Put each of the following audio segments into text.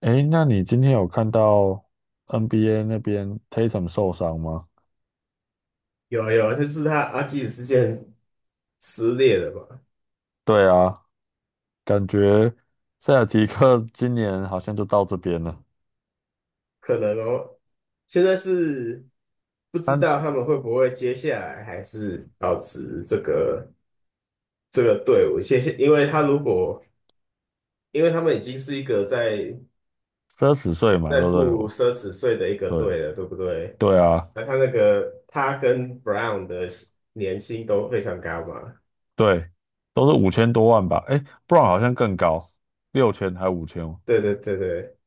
诶，那你今天有看到 NBA 那边 Tatum 受伤吗？有啊有，啊，就是他阿基里斯腱撕裂了嘛，对啊，感觉塞尔提克 今年好像就到这边了，可能哦。现在是不知道三他们会不会接下来还是保持这个队伍，谢谢，因为他们已经是一个在三十岁嘛，在对不对？付奢侈税的一个队对了，对不对？对啊，那他那个他跟 Brown 的年薪都非常高嘛，对，都是5000多万吧？诶 b r o w 好像更高，六千还五千哦？对对对对，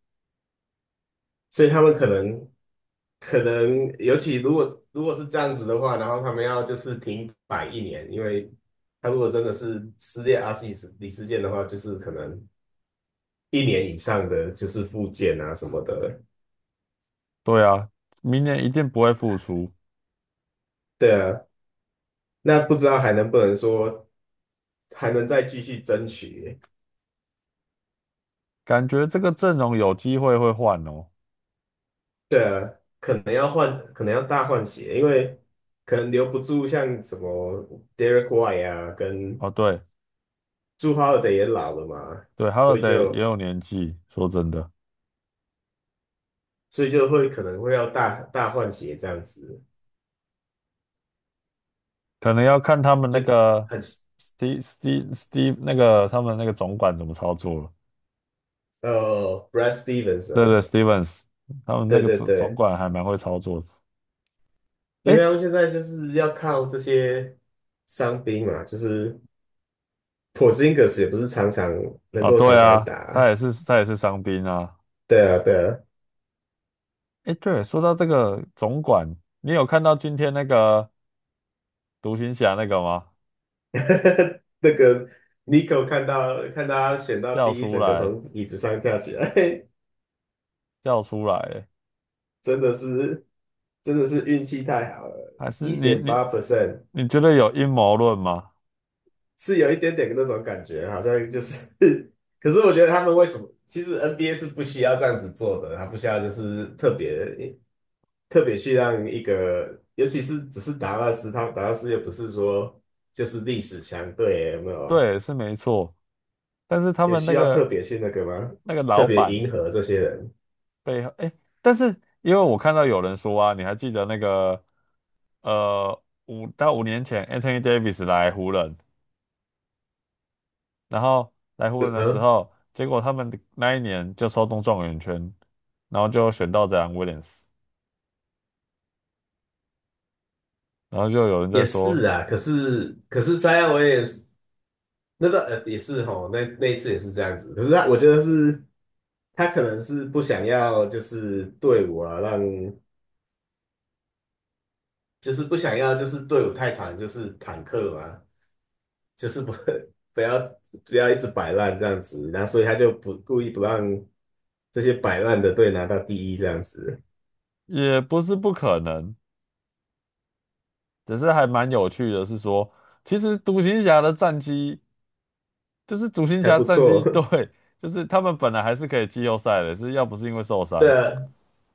所以他们可能。可能尤其如果是这样子的话，然后他们要就是停摆一年，因为他如果真的是撕裂阿基里斯腱的话，就是可能一年以上的就是复健啊什么的。对啊，明年一定不会复出，对啊，那不知道还能不能说还能再继续争取？感觉这个阵容有机会会换哦。对啊，可能要换，可能要大换血，因为可能留不住像什么 Derek White 啊，跟哦，对朱 h o l 也老了嘛，对所以，Holiday 也就。有年纪，说真的。所以就会可能会要大大换血这样子，可能要看他们那就个 很 Steve 那个他们那个总管怎么操作了。Brad Stevens 对啊，对，Stevens 他们那对个对总总对，管还蛮会操作的。因为诶，他们现在就是要靠这些伤兵嘛，就是 Porzingis 也不是常常能啊，够对常常啊，他打，也是他也是伤兵啊。对啊对啊，诶，对，说到这个总管，你有看到今天那个独行侠那个吗？那个 Nico 看到他选到叫第一，出整个来，从椅子上跳起来，叫出来欸，真的是真的是运气太好了，还是一你点你八 percent。你觉得有阴谋论吗？是有一点点那种感觉，好像就是 可是我觉得他们为什么？其实 NBA 是不需要这样子做的，他不需要就是特别去让一个，尤其是只是达拉斯，他达拉斯又不是说就是历史强队，有没有？对，是没错，但是他也们那需要特个别去那个吗？那个特老别板。迎合这些人？背后，哎，但是因为我看到有人说啊，你还记得那个5年前 Anthony Davis 来湖人，然后来湖呃人的时嗯，候，结果他们那一年就抽中状元签，然后就选到这样 Williams，然后就有人在也说，是啊。可是 Zion w 那个也是吼，那一次也是这样子。可是我觉得是他可能是不想要就是队伍啊让。就是不想要，就是队伍太长，就是坦克嘛，就是不 不要不要一直摆烂这样子，然后所以他就不故意不让这些摆烂的队拿到第一这样子，也不是不可能，只是还蛮有趣的是说，其实独行侠的战绩就是独行还侠不战错。绩 对，就是他们本来还是可以季后赛的，是要不是因为受对伤，啊，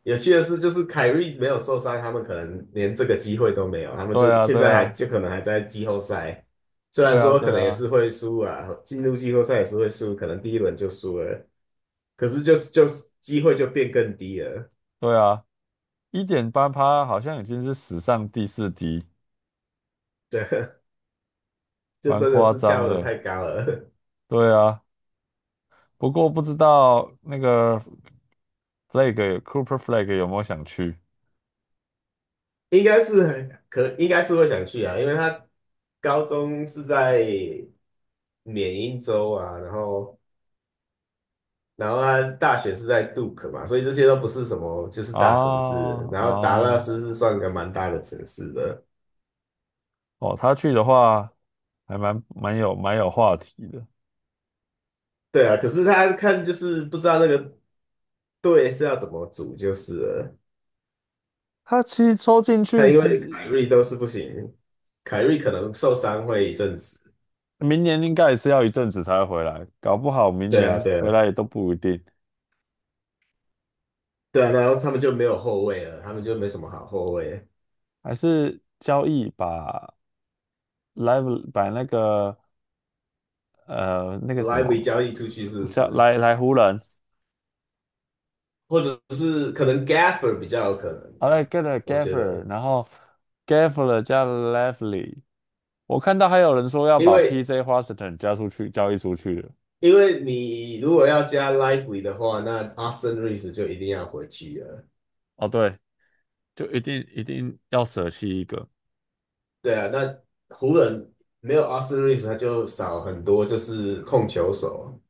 有趣的是，就是凯瑞没有受伤，他们可能连这个机会都没有，他们对就啊，现对在还啊，就可能还在季后赛，虽然对啊，说对可能也啊。是会输啊，进入季后赛也是会输，可能第一轮就输了，可是就是机会就变更低了。对啊，1.8%好像已经是史上第四低，对，就蛮真的夸是跳张的的。太高了，对啊，不过不知道那个 Cooper Flag 有没有想去 应该是会想去啊，因为他高中是在缅因州啊，然后他大学是在杜克嘛，所以这些都不是什么就是啊大城市，然后达拉啊斯是算个蛮大的城市的，哦，他去的话还蛮有话题的。对啊，可是他看就是不知道那个队是要怎么组就是了，他其实抽进他去因为凯只瑞都是不行，凯瑞可能受伤会一阵子，明年应该也是要一阵子才会回来，搞不好明对啊年对回啊来也都不一定。对啊，然后他们就没有后卫了，他们就没什么好后卫。还是交易把 Live 把那个那个什 lively 么，交易出去是不叫是？来湖人，或者是可能 Gaffer 比较有可能啊，的啊？来 get a 我觉 Gaffer，得，然后 Gaffer 加 Lively，我看到还有人说要因把 为 PJ Washington 加出去交易出去了。因为你如果要加 lively 的话，那 Austin Reeves 就一定要回去了。哦，对，就一定要舍弃一个。对啊，那湖人没有 Austin Reeves,他就少很多，就是控球手，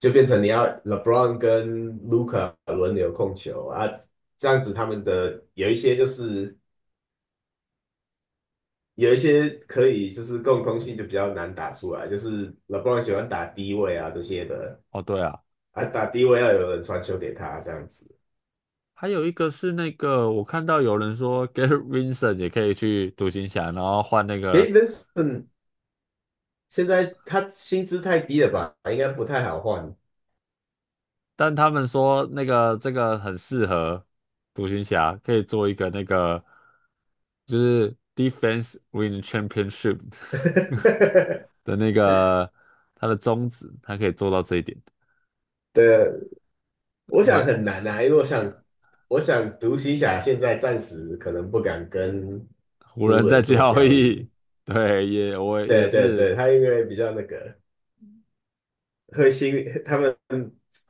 就变成你要 LeBron 跟 Luka 轮流控球啊，这样子他们的有一些可以就是共通性就比较难打出来，就是 LeBron 喜欢打低位啊这些的哦，对啊，啊，打低位要有人传球给他这样子。还有一个是那个，我看到有人说 Gary Vincent 也可以去独行侠，然后换那个给 v i n c e n 现在他薪资太低了吧，应该不太好换。但他们说那个这个很适合独行侠，可以做一个那个就是 defense win championship 的那个他的宗旨，他可以做到这一点。对，我想很买难啊，因为我想独行侠现在暂时可能不敢跟湖湖人在人做交交易，易。对，我也对对是对，他因为比较那个。会心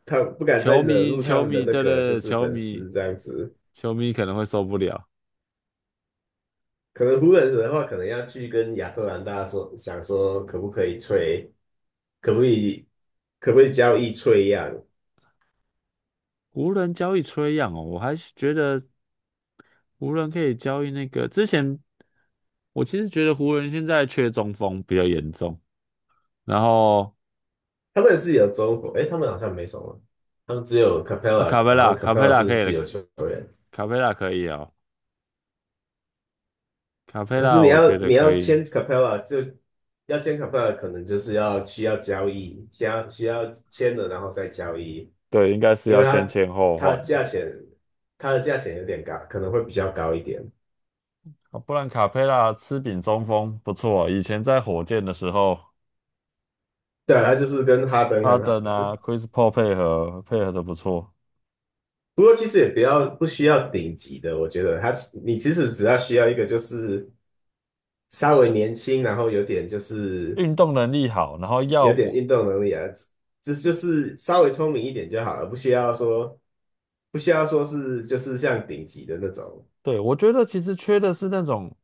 他不敢再球惹迷，怒他球们的迷，那对对个就对是球粉迷，丝这样子。球迷可能会受不了。可能湖人的话，可能要去跟亚特兰大说，想说可不可以吹，可不可以可不可以交易吹样？湖人交易吹样哦，我还是觉得湖人可以交易那个之前，我其实觉得湖人现在缺中锋比较严重。然后他们是有中国，诶，他们好像没什么，他们只有 Capella,卡佩然拉，后 卡佩 Capella 拉可是以，自的，由球员。卡佩拉可以哦，卡佩可是拉你我觉要得你可要以。签 Capella 就要签 Capella,可能就是要需要交易，需要签了然后再交易。对，应该是因要为先签后它换，的价钱，它的价钱有点高，可能会比较高一点。啊不然卡佩拉吃饼中锋不错啊。以前在火箭的时候，对啊，它就是跟哈登哈很好，登啊，Chris Paul 配合配合的不错，不过其实也不需要顶级的，我觉得你其实只要需要一个就是稍微年轻，然后有点就是运动能力好，然后要有点我，运动能力啊，只就是稍微聪明一点就好了，不需要说是就是像顶级的那种，对，我觉得其实缺的是那种，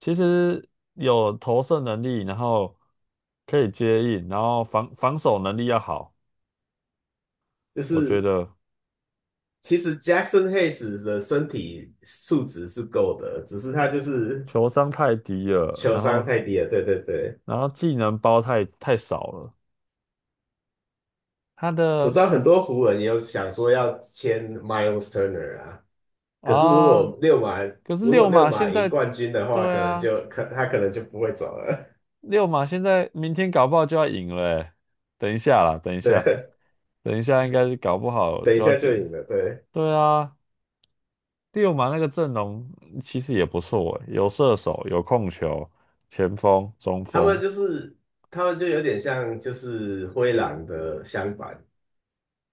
其实有投射能力，然后可以接应，然后防守能力要好。就我觉是得其实 Jackson Hayes 的身体素质是够的，只是他就是球商太低了，球然商后太低了，对对对。然后技能包太少了，他我的知道很多湖人也有想说要签 Miles Turner 啊，可是如果啊，六马可是如果六六马马现赢在，冠军的话，对可能啊，就可他可能就不会走了。六马现在明天搞不好就要赢了欸等一下啦，等一 下，对，等一下应该是搞不好等一就要下就进，赢了。对，对啊，六马那个阵容其实也不错欸，有射手，有控球，前锋、中他们锋，就是他们就有点像就是灰狼的相反，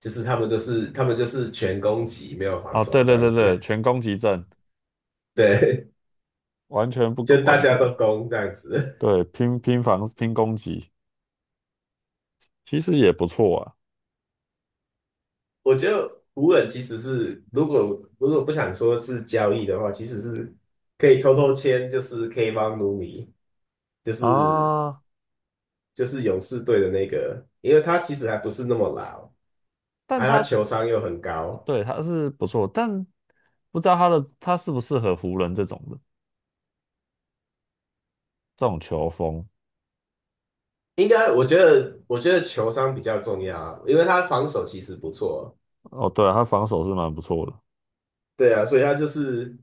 就是他们就是全攻击，没有防啊，对守这对样对对，子。全攻击阵，对，完全不就大完家全，都攻这样子。对，拼防拼攻击，其实也不错啊。我觉得无人其实是，如果不想说是交易的话，其实是可以偷偷签，就是 K 帮努米，就是啊，就是勇士队的那个，因为他其实还不是那么老，但而他他球商又很高，对他是不错，但不知道他的他适不适合湖人这种球风。应该我觉得我觉得球商比较重要啊，因为他防守其实不错，哦，对啊他防守是蛮不错的，对啊，所以他就是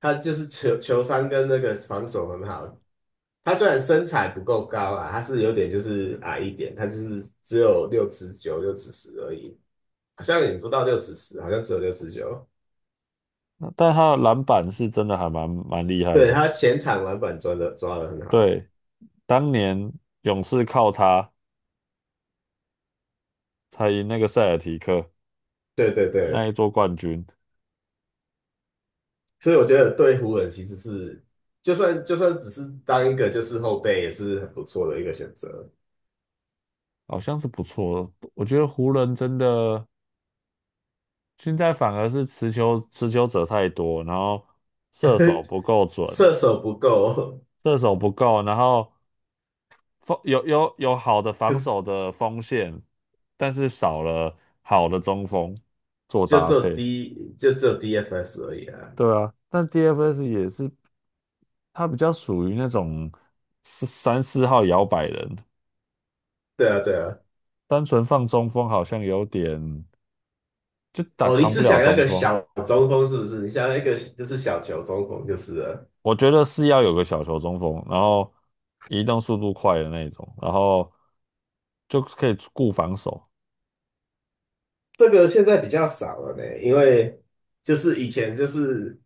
他就是球商跟那个防守很好，他虽然身材不够高啊，他是有点就是矮一点，他就是只有六尺九、六尺十而已，好像也不到六尺十，好像只有六尺九。那但他的篮板是真的还蛮厉害对，的。他前场篮板抓的很好，对，当年勇士靠他才赢那个塞尔提克对对那对，一座冠军，所以我觉得对湖人其实是，就算只是当一个就是后备也是很不错的一个选择。好像是不错。的。我觉得湖人真的现在反而是持球者太多，然后射手 不够准，射手不够，射手不够，然后。锋有好的 可防是守的锋线，但是少了好的中锋做搭配。就只有 DFS 而已啊。对啊，但 DFS 也是，他比较属于那种四三四号摇摆人，对啊，对啊。单纯放中锋好像有点就打哦，你扛不是了想要中个锋。小中锋是不是？你想要一个就是小球中锋就是了。我觉得是要有个小球中锋，然后移动速度快的那种，然后就可以顾防守。这个现在比较少了呢，因为就是以前就是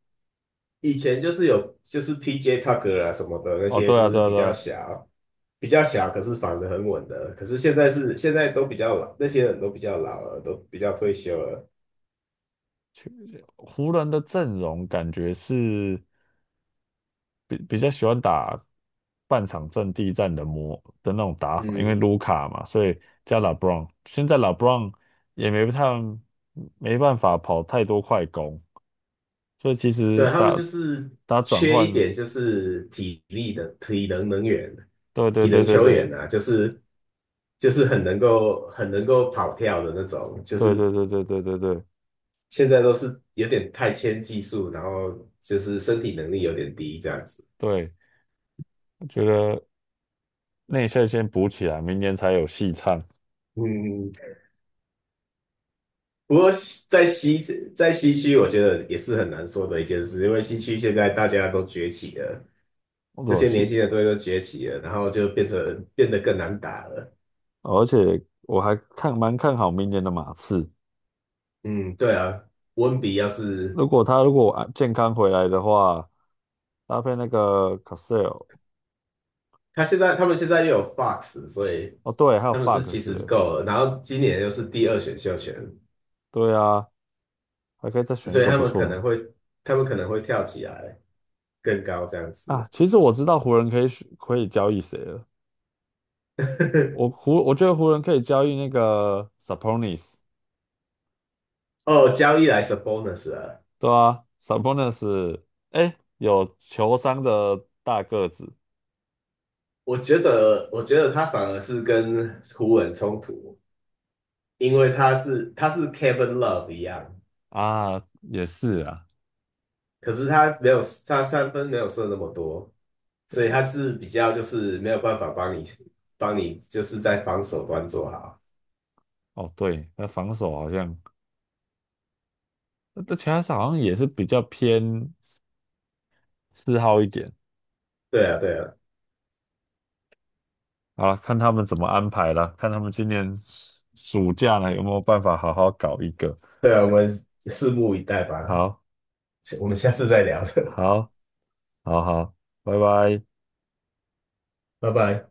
以前就是有就是 PJ Tucker 啊什么的那哦，些，对就啊，是对啊，比对较啊，小比较小，可是防得很稳的。可是现在都比较老，那些人都比较老了，都比较退休了。其湖人的阵容感觉是。比较喜欢打半场阵地战的模的那种打法，因为嗯，卢卡嘛，所以加 LeBron。现在 LeBron 也没太没办法跑太多快攻，所以其实对，他们就打是打转缺一换，点，就是体力的体能能源、对对体对能对球对员啊，就是很能够跑跳的那种，就对是对对对对对对现在都是有点太偏技术，然后就是身体能力有点低这样子。对，我觉得内线先补起来，明年才有戏唱。嗯，不过在西在西区，我觉得也是很难说的一件事，因为西区现在大家都崛起了，这我些是，年轻的队都崛起了，然后就变得更难打了。而且我还看蛮看好明年的马刺。嗯，对啊，温比要是如果他如果啊健康回来的话，搭配那个 Casale，他们现在又有 Fox,所以哦对，还有 他们是 Fox，其实是欸够了。然后今年又是第二选秀权，对啊，还可以再选所一以个他不们可错能会他们可能会跳起来更高这样子。啊。其实我知道湖人可以选可以交易谁了，我 湖我觉得湖人可以交易那个 Sabonis，哦，交易来是 bonus 啊，对啊，Sabonis，哎，有球商的大个子我觉得他反而是跟湖人冲突，因为他是 Kevin Love 一样，啊，也是啊，可是他三分没有射那么多，所以对，他是比较就是没有办法帮你就是在防守端做好。哦对，那防守好像，那其他好像也是比较偏四号一点。对啊，对啊，好了，看他们怎么安排了，看他们今年暑假呢有没有办法好好搞一个。对啊，我们拭目以待吧，好，我们下次再聊的 好，好好，拜拜。拜拜。